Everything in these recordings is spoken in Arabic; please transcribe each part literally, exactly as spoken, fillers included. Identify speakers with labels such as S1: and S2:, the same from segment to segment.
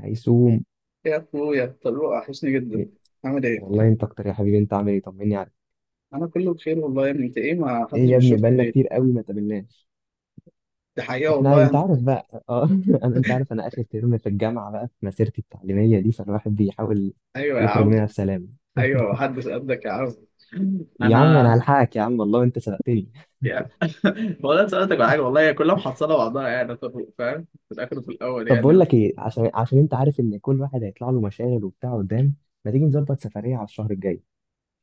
S1: هيسوم،
S2: إيه يا اخويا طارق، وحشني جدا. عامل ايه؟
S1: والله انت اكتر يا حبيبي. انت عامل ايه؟ طمني عليك.
S2: انا كله بخير والله يا ابني. انت ايه، ما حدش
S1: ايه يا ابني،
S2: بيشوفك
S1: بقالنا
S2: ليه؟
S1: كتير قوي ما تقابلناش.
S2: دي حقيقه
S1: احنا
S2: والله
S1: انت
S2: يعني.
S1: عارف بقى، اه. انا انت عارف انا اخر ترم في الجامعه بقى، في مسيرتي التعليميه دي، فالواحد بيحاول
S2: ايوه يا
S1: يخرج
S2: عم.
S1: منها بسلام.
S2: ايوه محدش قدك يا عم.
S1: يا عم انا
S2: انا
S1: هلحقك يا عم، والله انت سبقتني.
S2: يا والله أنا سألتك على حاجه، والله هي كلها محصله بعضها يعني يا طارق، فاهم؟ في الاخر وفي الاول
S1: طب بقول
S2: يعني.
S1: لك ايه، عشان عشان انت عارف ان كل واحد هيطلع له مشاغل وبتاع قدام. ما تيجي نظبط سفريه على الشهر الجاي؟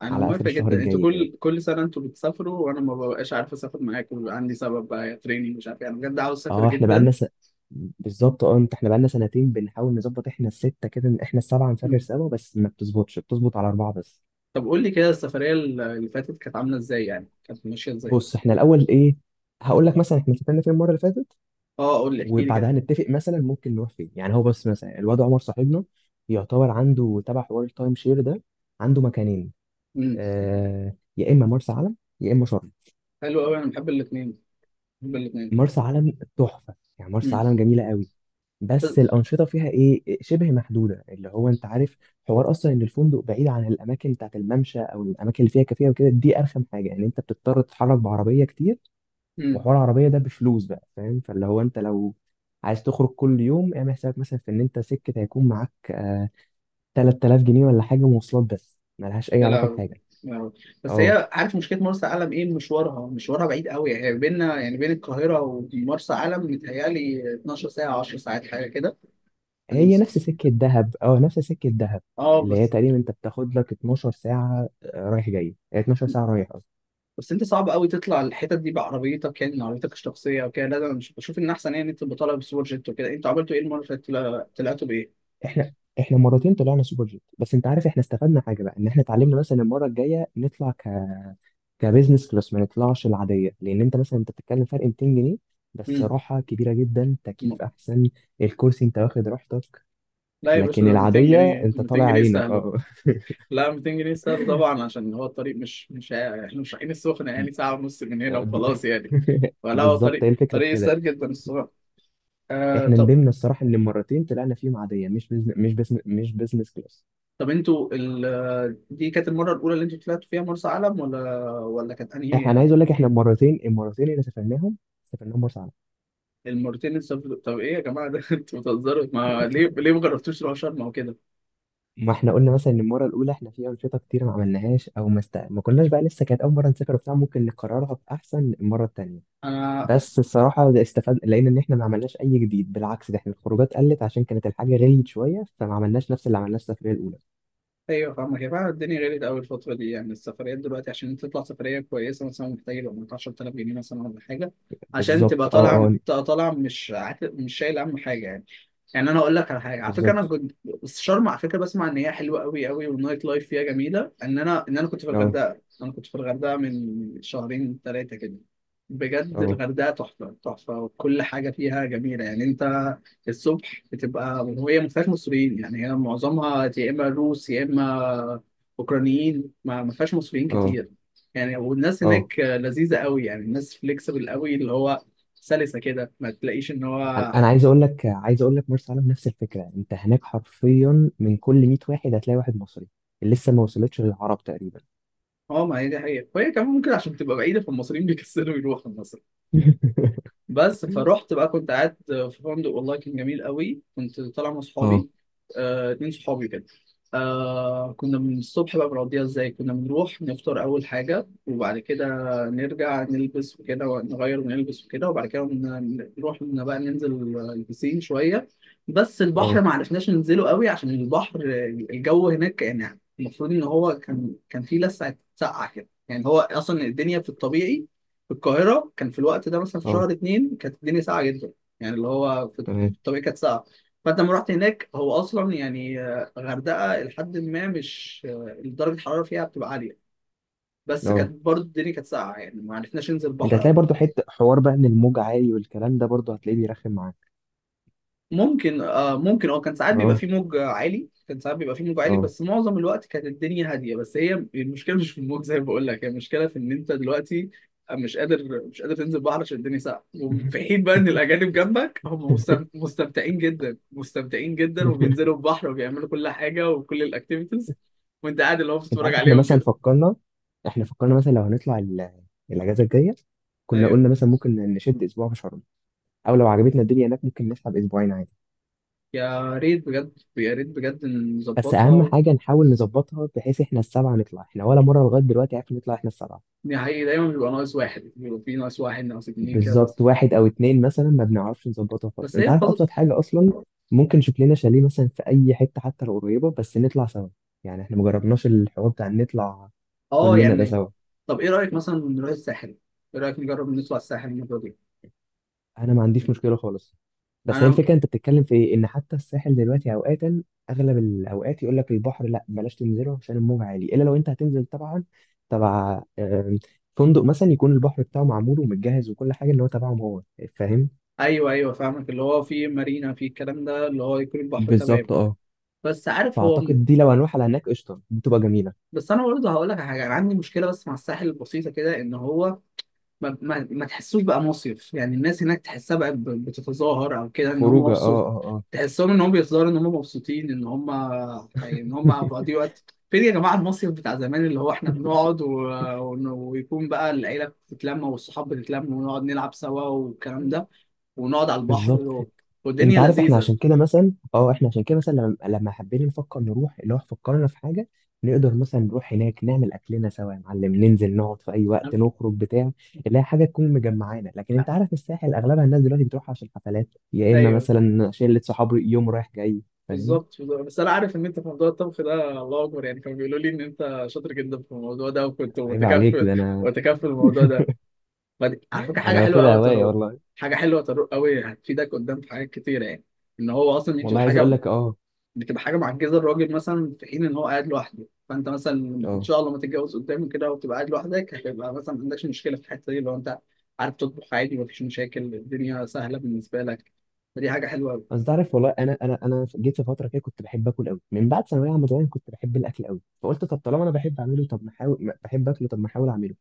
S2: انا
S1: على اخر
S2: موافق
S1: الشهر
S2: جدا. انتوا
S1: الجاي كده.
S2: كل كل سنه انتوا بتسافروا وانا ما ببقاش عارف اسافر معاكم، بيبقى عندي سبب بقى، يا تريننج مش عارف، يعني بجد عاوز اسافر
S1: اه احنا
S2: جدا.
S1: بقالنا س... بالظبط. اه، انت، احنا بقالنا سنتين بنحاول نظبط. احنا الستة كده، احنا السبعة نسافر
S2: مم.
S1: سوا، بس ما بتظبطش، بتظبط على أربعة بس.
S2: طب قول لي كده السفريه اللي فاتت كانت عامله ازاي، يعني كانت ماشيه ازاي؟
S1: بص، احنا الأول ايه، هقول لك مثلا احنا سافرنا فين المرة اللي فاتت،
S2: اه قول لي، احكي لي.
S1: وبعدها نتفق مثلا ممكن نروح فين. يعني هو بس مثلا الواد عمر صاحبنا يعتبر عنده تبع حوار التايم شير ده، عنده مكانين.
S2: كده
S1: آه، يا إما مرسى علم يا إما شرم.
S2: حلو قوي، انا بحب الاثنين، بحب الاثنين.
S1: مرسى علم تحفة، يعني مرسى
S2: امم.
S1: علم جميلة قوي. بس الانشطه فيها ايه، شبه محدوده. اللي هو انت عارف، حوار اصلا ان الفندق بعيد عن الاماكن بتاعت الممشى او الاماكن اللي فيها كافيه وكده، دي ارخم حاجه. يعني انت بتضطر تتحرك بعربيه كتير،
S2: امم.
S1: وحوار العربيه ده بفلوس بقى، فاهم؟ فاللي هو انت لو عايز تخرج كل يوم، اعمل حسابك مثلا في ان انت سكه هيكون معاك آه ثلاثة آلاف جنيه ولا حاجه مواصلات بس، ملهاش اي
S2: يا
S1: علاقه
S2: لهوي.
S1: بحاجه.
S2: يا لهوي. بس
S1: اه،
S2: هي، عارف مشكله مرسى علم ايه؟ مشوارها، مشوارها بعيد قوي. هي بيننا يعني بين القاهره ومرسى علم متهيألي اتناشر ساعه، عشر ساعات حاجه كده.
S1: هي نفس سكه دهب، اه نفس سكه دهب،
S2: اه
S1: اللي هي
S2: بس.
S1: تقريبا انت بتاخد لك اتناشر ساعة ساعه، آه، رايح جاي، هي اتناشر ساعة ساعه رايح.
S2: بس انت صعب قوي تطلع الحتت دي بعربيتك، يعني عربيتك الشخصيه وكده، لا ده انا مش بشوف ان احسن، يعني تبقى طالع بسوبر جيت وكده. انتوا عملتوا ايه المره اللي فاتت، طلع- طلعتوا بايه؟
S1: احنا احنا مرتين طلعنا سوبر جيت. بس انت عارف احنا استفدنا حاجه بقى، ان احنا اتعلمنا مثلا المره الجايه نطلع ك... كبزنس كلاس، ما نطلعش العاديه. لان انت مثلا انت بتتكلم فرق ميتين جنيه بس
S2: امم.
S1: راحه كبيره جدا، تكييف احسن، الكرسي انت واخد راحتك.
S2: لا يا باشا،
S1: لكن
S2: ده 200
S1: العاديه
S2: جنيه
S1: انت طالع
S2: ميتين جنيه
S1: عينك،
S2: سهل.
S1: اه.
S2: لا ميتين جنيه سهل طبعا، عشان هو الطريق مش مش ع- احنا مش رايحين السخنة يعني، يعني ساعة ونص من هنا
S1: ب-
S2: وخلاص يعني. فلا هو
S1: بالظبط،
S2: طريق،
S1: هي الفكره في
S2: طريق
S1: كده.
S2: سهل جدا الصراحة. آه
S1: احنا
S2: طب.
S1: ندمنا الصراحه ان المرتين طلعنا فيهم عاديه، مش بزن... مش بزن... مش بزنس كلاس.
S2: طب انتوا ال... دي كانت المرة الأولى اللي انتوا طلعتوا فيها مرسى علم ولا ولا كانت
S1: احنا انا
S2: أنهي؟
S1: عايز اقول لك، احنا المرتين المرتين اللي سافرناهم سافرناهم مرسى علم.
S2: المرتين اللي سافرتوا- طب ايه يا جماعة ده، انتوا بتهزروا، ما ليه، ليه ما جربتوش تروحوا شرم أو كده؟
S1: ما احنا قلنا مثلا ان المره الاولى احنا في انشطه كتير ما عملناهاش، او ما, است... ما كناش بقى لسه، كانت اول مره نسافر وبتاع، ممكن نكررها باحسن المره التانيه.
S2: انا
S1: بس الصراحه ده استفاد، لقينا ان احنا ما عملناش اي جديد. بالعكس، ده احنا الخروجات قلت عشان كانت الحاجه غليت شويه، فما عملناش نفس اللي عملناه السفريه الاولى.
S2: ايوه فاهمك يا، فعلا الدنيا غليت قوي الفتره دي، يعني السفريات دلوقتي عشان انت تطلع سفريه كويسه مثلا، محتاج يبقى معاك عشر تلاف جنيه مثلا ولا حاجه، عشان
S1: بالظبط،
S2: تبقى
S1: اه،
S2: طالع،
S1: اه.
S2: تبقى طالع مش عات- مش شايل هم حاجه يعني. يعني انا اقول لك على حاجه، على فكره
S1: بالظبط،
S2: انا كنت، بس شرم على فكره بسمع ان هي حلوه قوي قوي، والنايت لايف فيها جميله. ان انا ان انا كنت في
S1: اه،
S2: الغردقه، انا كنت في الغردقه من شهرين ثلاثه كده. بجد
S1: اه،
S2: الغردقه تحفه تحفه، وكل حاجه فيها جميله يعني. انت الصبح بتبقى، وهي ما فيهاش مصريين، يعني هي معظمها يا اما روس يا اما اوكرانيين، ما ما فيهاش مصريين
S1: اه،
S2: كتير. يعني والناس
S1: اه.
S2: هناك لذيذه قوي، يعني الناس فليكسبل قوي، اللي هو سلسه كده، ما تلاقيش ان
S1: انا
S2: هو ح-
S1: أنا عايز اقول لك، عايز اقول لك مرسى علم نفس الفكره. انت هناك حرفيا من كل مية واحد هتلاقي واحد مصري، لسه ما وصلتش للعرب تقريبا.
S2: اه. ما هي دي حقيقه، وهي كمان ممكن عشان تبقى بعيده فالمصريين بيكسلوا يروحوا مصر. بس فروحت بقى كنت قاعد في فندق والله كان جميل قوي. كنت طالع مع
S1: اه،
S2: صحابي، آه، اتنين صحابي كده. آه كنا من الصبح بقى بنقضيها ازاي، كنا بنروح نفطر اول حاجة، وبعد كده نرجع نلبس وكده ونغير ونلبس وكده، وبعد كده ن- نروح إن بقى ننزل، البسين شوية. بس البحر
S1: اه،
S2: ما عرفناش ننزله قوي عشان البحر، الجو هناك، يعني المفروض ان هو كان، كان فيه لسعة سقعة كده. يعني هو اصلا الدنيا في الطبيعي في القاهرة كان في الوقت ده مثلا في
S1: اه،
S2: شهر اتنين كانت الدنيا ساقعة جدا، يعني اللي هو في
S1: تمام،
S2: الطبيعي كانت ساقعة. فأنت لما رحت هناك هو أصلا يعني آه، غردقة لحد ما مش آه، درجة الحرارة فيها بتبقى عالية، بس كانت
S1: اه.
S2: برضه الدنيا كانت ساقعة، يعني ما عرفناش ننزل
S1: انت
S2: البحر
S1: هتلاقي
S2: أوي.
S1: برضو حته حوار بقى ان الموج عالي، والكلام ده برضو هتلاقيه بيرخم معاك.
S2: ممكن آه، ممكن اه. كان ساعات بيبقى
S1: اه،
S2: فيه موج عالي، كان ساعات بيبقى فيه موج عالي،
S1: اه.
S2: بس معظم الوقت كانت الدنيا هاديه. بس هي المشكله مش في الموج زي ما بقول لك، هي المشكله في ان انت دلوقتي آه، مش قادر مش قادر تنزل البحر عشان الدنيا ساقعه، وفي حين بقى ان الاجانب جنبك هم مستم- مستمتعين جدا، مستمتعين جدا، وبينزلوا البحر وبيعملوا كل حاجه وكل الاكتيفيتيز، وانت قاعد اللي هو
S1: انت
S2: بتتفرج
S1: عارف احنا
S2: عليهم
S1: مثلا
S2: كده.
S1: فكرنا، احنا فكرنا مثلا لو هنطلع ال- الاجازه الجايه، كنا
S2: ايوه،
S1: قلنا مثلا ممكن نشد اسبوع في شرم، او لو عجبتنا الدنيا هناك ممكن نسحب اسبوعين عادي.
S2: يا ريت بجد، يا ريت بجد
S1: بس اهم
S2: نظبطها.
S1: حاجه نحاول نظبطها بحيث احنا السبعه نطلع. احنا ولا مره لغايه دلوقتي عرفنا نطلع احنا السبعه.
S2: دي حقيقي، دايما بيبقى ناقص واحد، بيبقى في ناقص واحد، ناقص اتنين كده بس.
S1: بالظبط، واحد او اتنين مثلا ما بنعرفش نظبطها خالص.
S2: بس
S1: انت
S2: هي
S1: عارف ابسط حاجه اصلا، ممكن نشوف لنا شاليه مثلا في اي حته حتى لو قريبه، بس نطلع سوا. يعني احنا مجربناش الحوار بتاع إن نطلع
S2: اه
S1: كلنا ده
S2: يعني،
S1: سوا.
S2: طب ايه رايك مثلا نروح الساحل؟ ايه رايك نجرب نطلع الساحل المره دي؟
S1: انا ما عنديش مشكله خالص، بس هي
S2: انا
S1: الفكره انت بتتكلم في ايه، ان حتى الساحل دلوقتي اوقاتا، اغلب الاوقات يقول لك البحر لا بلاش تنزله عشان الموج عالي، الا لو انت هتنزل طبعا تبع آم، فندق مثلا يكون البحر بتاعه معمول ومتجهز وكل حاجه اللي هو تبعهم هو، فاهم؟
S2: ايوه، ايوه فاهمك، اللي هو في مارينا في الكلام ده، اللي هو يكون البحر تمام.
S1: بالظبط، اه.
S2: بس عارف هو،
S1: فأعتقد دي لو هنروح على هناك قشطة، دي تبقى جميلة.
S2: بس انا برضه هقول لك على حاجه، انا عندي مشكله بس مع الساحل البسيطه كده، ان هو ما, ما, ما تحسوش بقى مصيف. يعني الناس هناك تحسها بقى ب- بتتظاهر او كده ان هم
S1: خروجة،
S2: مبسوط،
S1: اه، اه،
S2: تحسهم ان هم بيظهروا ان هم مبسوطين، ان هم يعني ان هم
S1: اه.
S2: بيقضيوا وقت. فين يا جماعه المصيف بتاع زمان اللي هو احنا بنقعد و... ون- ويكون بقى العيله بتتلم والصحاب بتتلم، ونقعد نلعب سوا والكلام ده، ونقعد على البحر
S1: بالظبط.
S2: و...
S1: انت
S2: والدنيا
S1: عارف احنا
S2: لذيذه.
S1: عشان كده مثلا، اه، احنا عشان كده مثلا، لما لما حبينا نفكر نروح، اللي هو فكرنا في حاجه نقدر مثلا نروح هناك نعمل اكلنا سوا يا معلم، ننزل نقعد في اي وقت، نخرج بتاع اللي هي حاجه تكون مجمعانا. لكن انت عارف الساحل اغلبها الناس دلوقتي بتروح عشان حفلات، يا اما
S2: ايوه،
S1: مثلا شله صحاب يوم رايح جاي، فاهم؟
S2: بالظبط بالظبط. بس انا عارف ان انت في موضوع الطبخ ده الله اكبر، يعني كانوا بيقولوا لي ان انت شاطر جدا في الموضوع ده وكنت
S1: عيب عليك،
S2: متكفل،
S1: ده انا
S2: متكفل الموضوع ده. ما دي- على فكره حاجه
S1: انا
S2: حلوه قوي
S1: واخدها
S2: يا
S1: هوايه
S2: طارق،
S1: والله.
S2: حاجه حلوه يا طارق قوي، هتفيدك قدام في حاجات كتيره يعني. ان هو اصلا دي
S1: والله
S2: بتبقى
S1: عايز اقول
S2: حاجه،
S1: لك، اه
S2: بتبقى حاجه معجزه الراجل، مثلا في حين ان هو قاعد لوحده، فانت مثلا ان
S1: اه.
S2: شاء الله ما تتجوز قدام كده وتبقى قاعد لوحدك، هتبقى مثلا ما عندكش مشكله في الحته دي لو انت عارف تطبخ عادي، مفيش مشاكل، الدنيا سهله بالنسبه لك. فدي حاجه حلوه قوي.
S1: بس تعرف والله انا انا انا جيت في فتره كده كنت بحب اكل قوي، من بعد ثانويه عامه. زمان كنت بحب الاكل قوي، فقلت طب طالما انا بحب اعمله، طب ما احاول، ما- بحب اكله، طب ما احاول اعمله،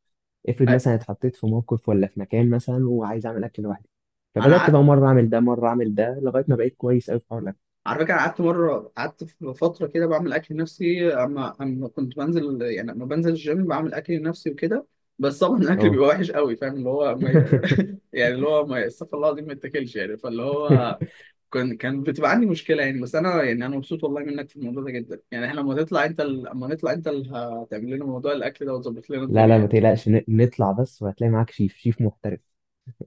S1: افرض مثلا اتحطيت في موقف ولا في مكان مثلا وعايز اعمل اكل لوحدي. فبدات
S2: انا
S1: بقى مره اعمل ده مره اعمل ده، لغايه ما بقيت كويس قوي في حوار الاكل.
S2: على فكرة قعدت مرة، قعدت في فترة كده بعمل أكل نفسي، أما أما كنت بنزل، يعني أما بنزل الجيم بعمل أكل نفسي وكده، بس طبعا الأكل
S1: اه.
S2: بيبقى وحش قوي، فاهم اللي هو ما ي... يعني اللي هو ما، استغفر الله العظيم، ما يتاكلش يعني، فاللي هو كان كان بتبقى عندي مشكلة يعني. بس أنا يعني، أنا مبسوط والله منك في الموضوع ده جدا، يعني إحنا لما تطلع أنت ال- لما نطلع أنت اللي هتعمل لنا موضوع الأكل ده وتظبط لنا
S1: لا
S2: الدنيا
S1: لا ما
S2: يعني.
S1: تقلقش، ن- نطلع بس وهتلاقي معاك شيف، شيف محترف.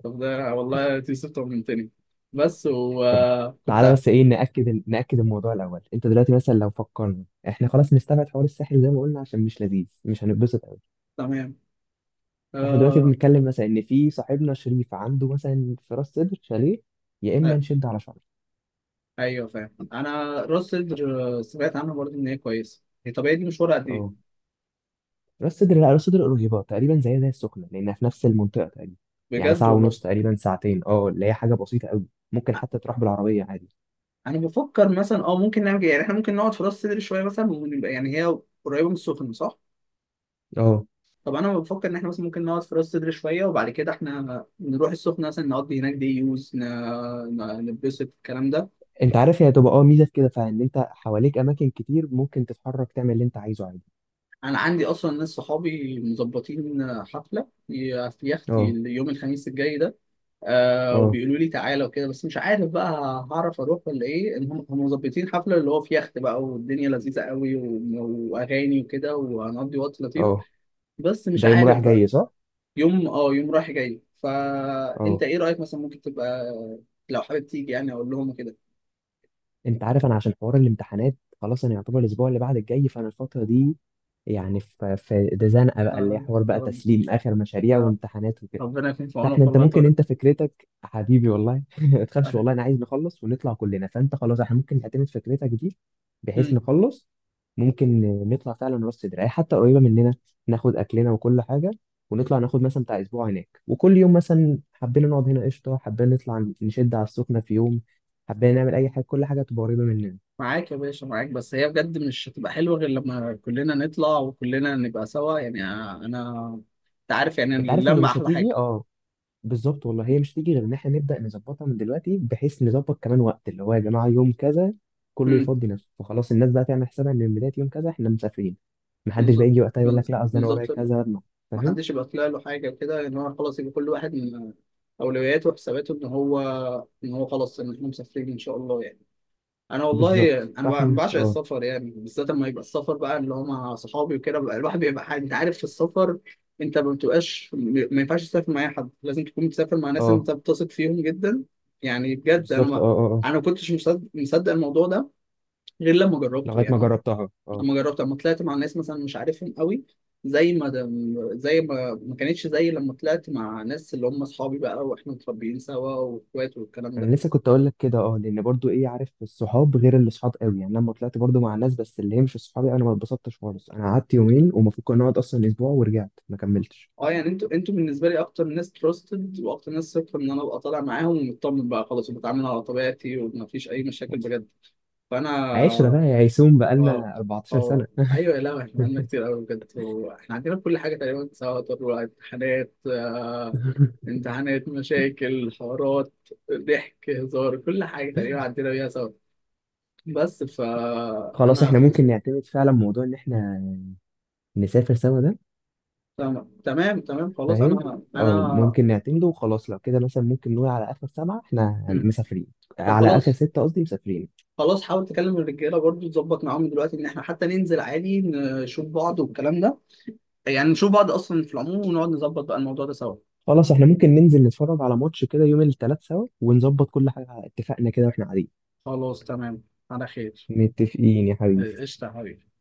S2: طب ده والله تيسير طمنتني. بس
S1: طب تعالى
S2: وكنت،
S1: بس ايه، ناكد ال- ناكد الموضوع الاول. انت دلوقتي مثلا لو فكرنا احنا خلاص نستبعد حوار الساحل زي ما قلنا عشان مش لذيذ، مش هنتبسط.
S2: تمام.
S1: فاحنا دلوقتي
S2: آه.
S1: بنتكلم مثلا ان في صاحبنا شريف عنده مثلا في راس سدر شاليه، يا اما نشد على شعره.
S2: ايوه فاهم، انا راس صدر آه، سمعت عنها برضه ان هي كويسه. هي طب هي دي مشوارها قد ايه؟
S1: اه، راس سدر. لا، راس سدر قريبة تقريبا زي زي السخنة، لأنها في نفس المنطقة تقريبا. يعني
S2: بجد
S1: ساعة
S2: والله.
S1: ونص تقريبا، ساعتين، اه اللي هي حاجة بسيطة قوي، ممكن
S2: أ-
S1: حتى تروح بالعربية عادي.
S2: انا بفكر مثلا اه ممكن نعمل كده. يعني احنا ممكن نقعد في راس صدر شويه مثلا، ونبقى يعني، هي قريبه من السخنه صح؟
S1: اه،
S2: طب انا بفكر ان احنا مثلا ممكن نقعد في راس صدر شويه، وبعد كده احنا نروح السخنه مثلا، نقضي هناك دي يوز ن... ن- نتبسط الكلام ده.
S1: انت عارف هي هتبقى، اه، ميزة في كده، فان انت حواليك أماكن كتير، ممكن تتحرك تعمل اللي انت عايزه عادي.
S2: انا عندي اصلا ناس صحابي مظبطين حفله في يختي
S1: اه،
S2: يوم الخميس الجاي ده، آه
S1: اه،
S2: وبيقولوا لي تعالى وكده، بس مش عارف بقى هعرف اروح ولا ايه. ان هم هم مظبطين حفله اللي هو في يخت بقى، والدنيا لذيذه قوي، و- واغاني وكده، وهنقضي وقت لطيف،
S1: اه.
S2: بس مش
S1: ده يوم رايح
S2: عارف بقى.
S1: جاي صح؟
S2: يوم اه، يوم رايح جاي، فانت
S1: اه،
S2: ايه رايك مثلا، ممكن تبقى لو حابب تيجي، يعني اقول لهم كده.
S1: انت عارف انا عشان حوار الامتحانات، خلاص انا يعتبر الاسبوع اللي بعد الجاي فانا الفتره دي، يعني في في ده زنقه بقى، اللي هي
S2: آه،
S1: حوار
S2: يا
S1: بقى
S2: رب.
S1: تسليم اخر مشاريع
S2: آه،
S1: وامتحانات وكده.
S2: ربنا يكون في
S1: فاحنا
S2: عونك
S1: انت،
S2: والله يا
S1: ممكن
S2: طارق.
S1: انت فكرتك حبيبي والله. ما تخافش
S2: آه.
S1: والله، انا عايز نخلص ونطلع كلنا. فانت خلاص احنا ممكن نعتمد فكرتك دي بحيث
S2: مم.
S1: نخلص. ممكن نطلع فعلا راس صدر، اي حتى قريبه مننا، ناخد اكلنا وكل حاجه، ونطلع ناخد مثلا بتاع اسبوع هناك، وكل يوم مثلا حبينا نقعد هنا قشطه، حبينا نطلع نشد على السخنه في يوم، حبينا نعمل اي حاجه، كل حاجه تبقى قريبه مننا.
S2: معاك يا باشا معاك، بس هي بجد مش هتبقى حلوه غير لما كلنا نطلع وكلنا نبقى سوا، يعني آه، انا، انت عارف يعني
S1: انت عارف هي
S2: اللمه
S1: مش
S2: احلى
S1: هتيجي،
S2: حاجه.
S1: اه، بالظبط والله هي مش هتيجي غير ان احنا نبدا نظبطها من دلوقتي، بحيث نظبط كمان وقت، اللي هو يا جماعه يوم كذا كله
S2: امم.
S1: يفضي نفسه، فخلاص الناس بقى تعمل حسابها ان من بدايه يوم كذا احنا مسافرين. محدش بقى
S2: بالظبط
S1: يجي وقتها يقول لك لا اصل انا ورايا
S2: بالظبط.
S1: كذا، لا.
S2: ما
S1: فاهم؟
S2: حدش يبقى طلع له حاجه كده، ان هو خلاص يبقى كل واحد من اولوياته وحساباته ان هو، ان هو خلاص ان احنا مسافرين ان شاء الله يعني. انا والله
S1: بالظبط،
S2: انا بع-
S1: فاحنا،
S2: بعشق
S1: اه،
S2: السفر، يعني بالذات لما يبقى السفر بقى اللي هو مع صحابي وكده، بقى الواحد بيبقى حاجة. انت عارف في السفر انت ما بتبقاش م- ما ينفعش تسافر مع اي حد، لازم تكون بتسافر مع ناس
S1: اه،
S2: انت بتثق فيهم جدا. يعني بجد انا
S1: بالظبط،
S2: ما،
S1: اه، اه، اه،
S2: انا ما كنتش مصدق مصدق الموضوع ده غير لما جربته
S1: لغايه ما
S2: يعني،
S1: جربتها، اه.
S2: لما جربت، لما طلعت مع ناس مثلا مش عارفهم قوي، زي ما دم- زي ما، ما كانتش زي لما طلعت مع ناس اللي هم اصحابي بقى واحنا متربيين سوا واخوات والكلام ده.
S1: انا لسه كنت اقول لك كده، اه لان برضو ايه، عارف الصحاب غير اللي صحاب قوي، يعني لما طلعت برضو مع الناس بس اللي هي مش صحابي، انا ما اتبسطتش خالص. انا قعدت يومين ومفروض كنا نقعد اصلا اسبوع، ورجعت ما كملتش.
S2: اه يعني انتوا انتوا بالنسبه لي اكتر ناس تراستد واكتر ناس ثقه ان انا ابقى طالع معاهم ومطمن بقى خلاص، وبتعامل على طبيعتي ومفيش اي مشاكل بجد، فانا
S1: عشرة بقى يا هيسوم،
S2: اه.
S1: بقالنا 14 سنة.
S2: اه ايوه، لا احنا عندنا كتير قوي بجد، واحنا عندنا كل حاجه تقريبا، سواء امتحانات آه، امتحانات، مشاكل، حوارات، ضحك، هزار، كل حاجه تقريبا عندنا بيها سوا. بس
S1: خلاص
S2: فانا،
S1: احنا ممكن نعتمد فعلا موضوع ان احنا نسافر سوا ده.
S2: تمام تمام تمام خلاص،
S1: فاهم؟
S2: انا انا.
S1: اه، ممكن نعتمده وخلاص. لو كده مثلا ممكن نقول على اخر سبعة احنا
S2: مم.
S1: مسافرين،
S2: طب
S1: على اخر
S2: خلاص.
S1: ستة قصدي مسافرين.
S2: خلاص حاول تكلم الرجاله برضو، تظبط معاهم دلوقتي ان احنا حتى ننزل عادي نشوف بعض والكلام ده، يعني نشوف بعض اصلا في العموم، ونقعد نظبط بقى الموضوع ده سوا.
S1: خلاص احنا ممكن ننزل نتفرج على ماتش كده يوم التلات سوا، ونظبط كل حاجة، اتفقنا كده واحنا قاعدين.
S2: خلاص، تمام. على خير.
S1: متفقين يا حبيبي.
S2: إيه، قشطة يا حبيبي.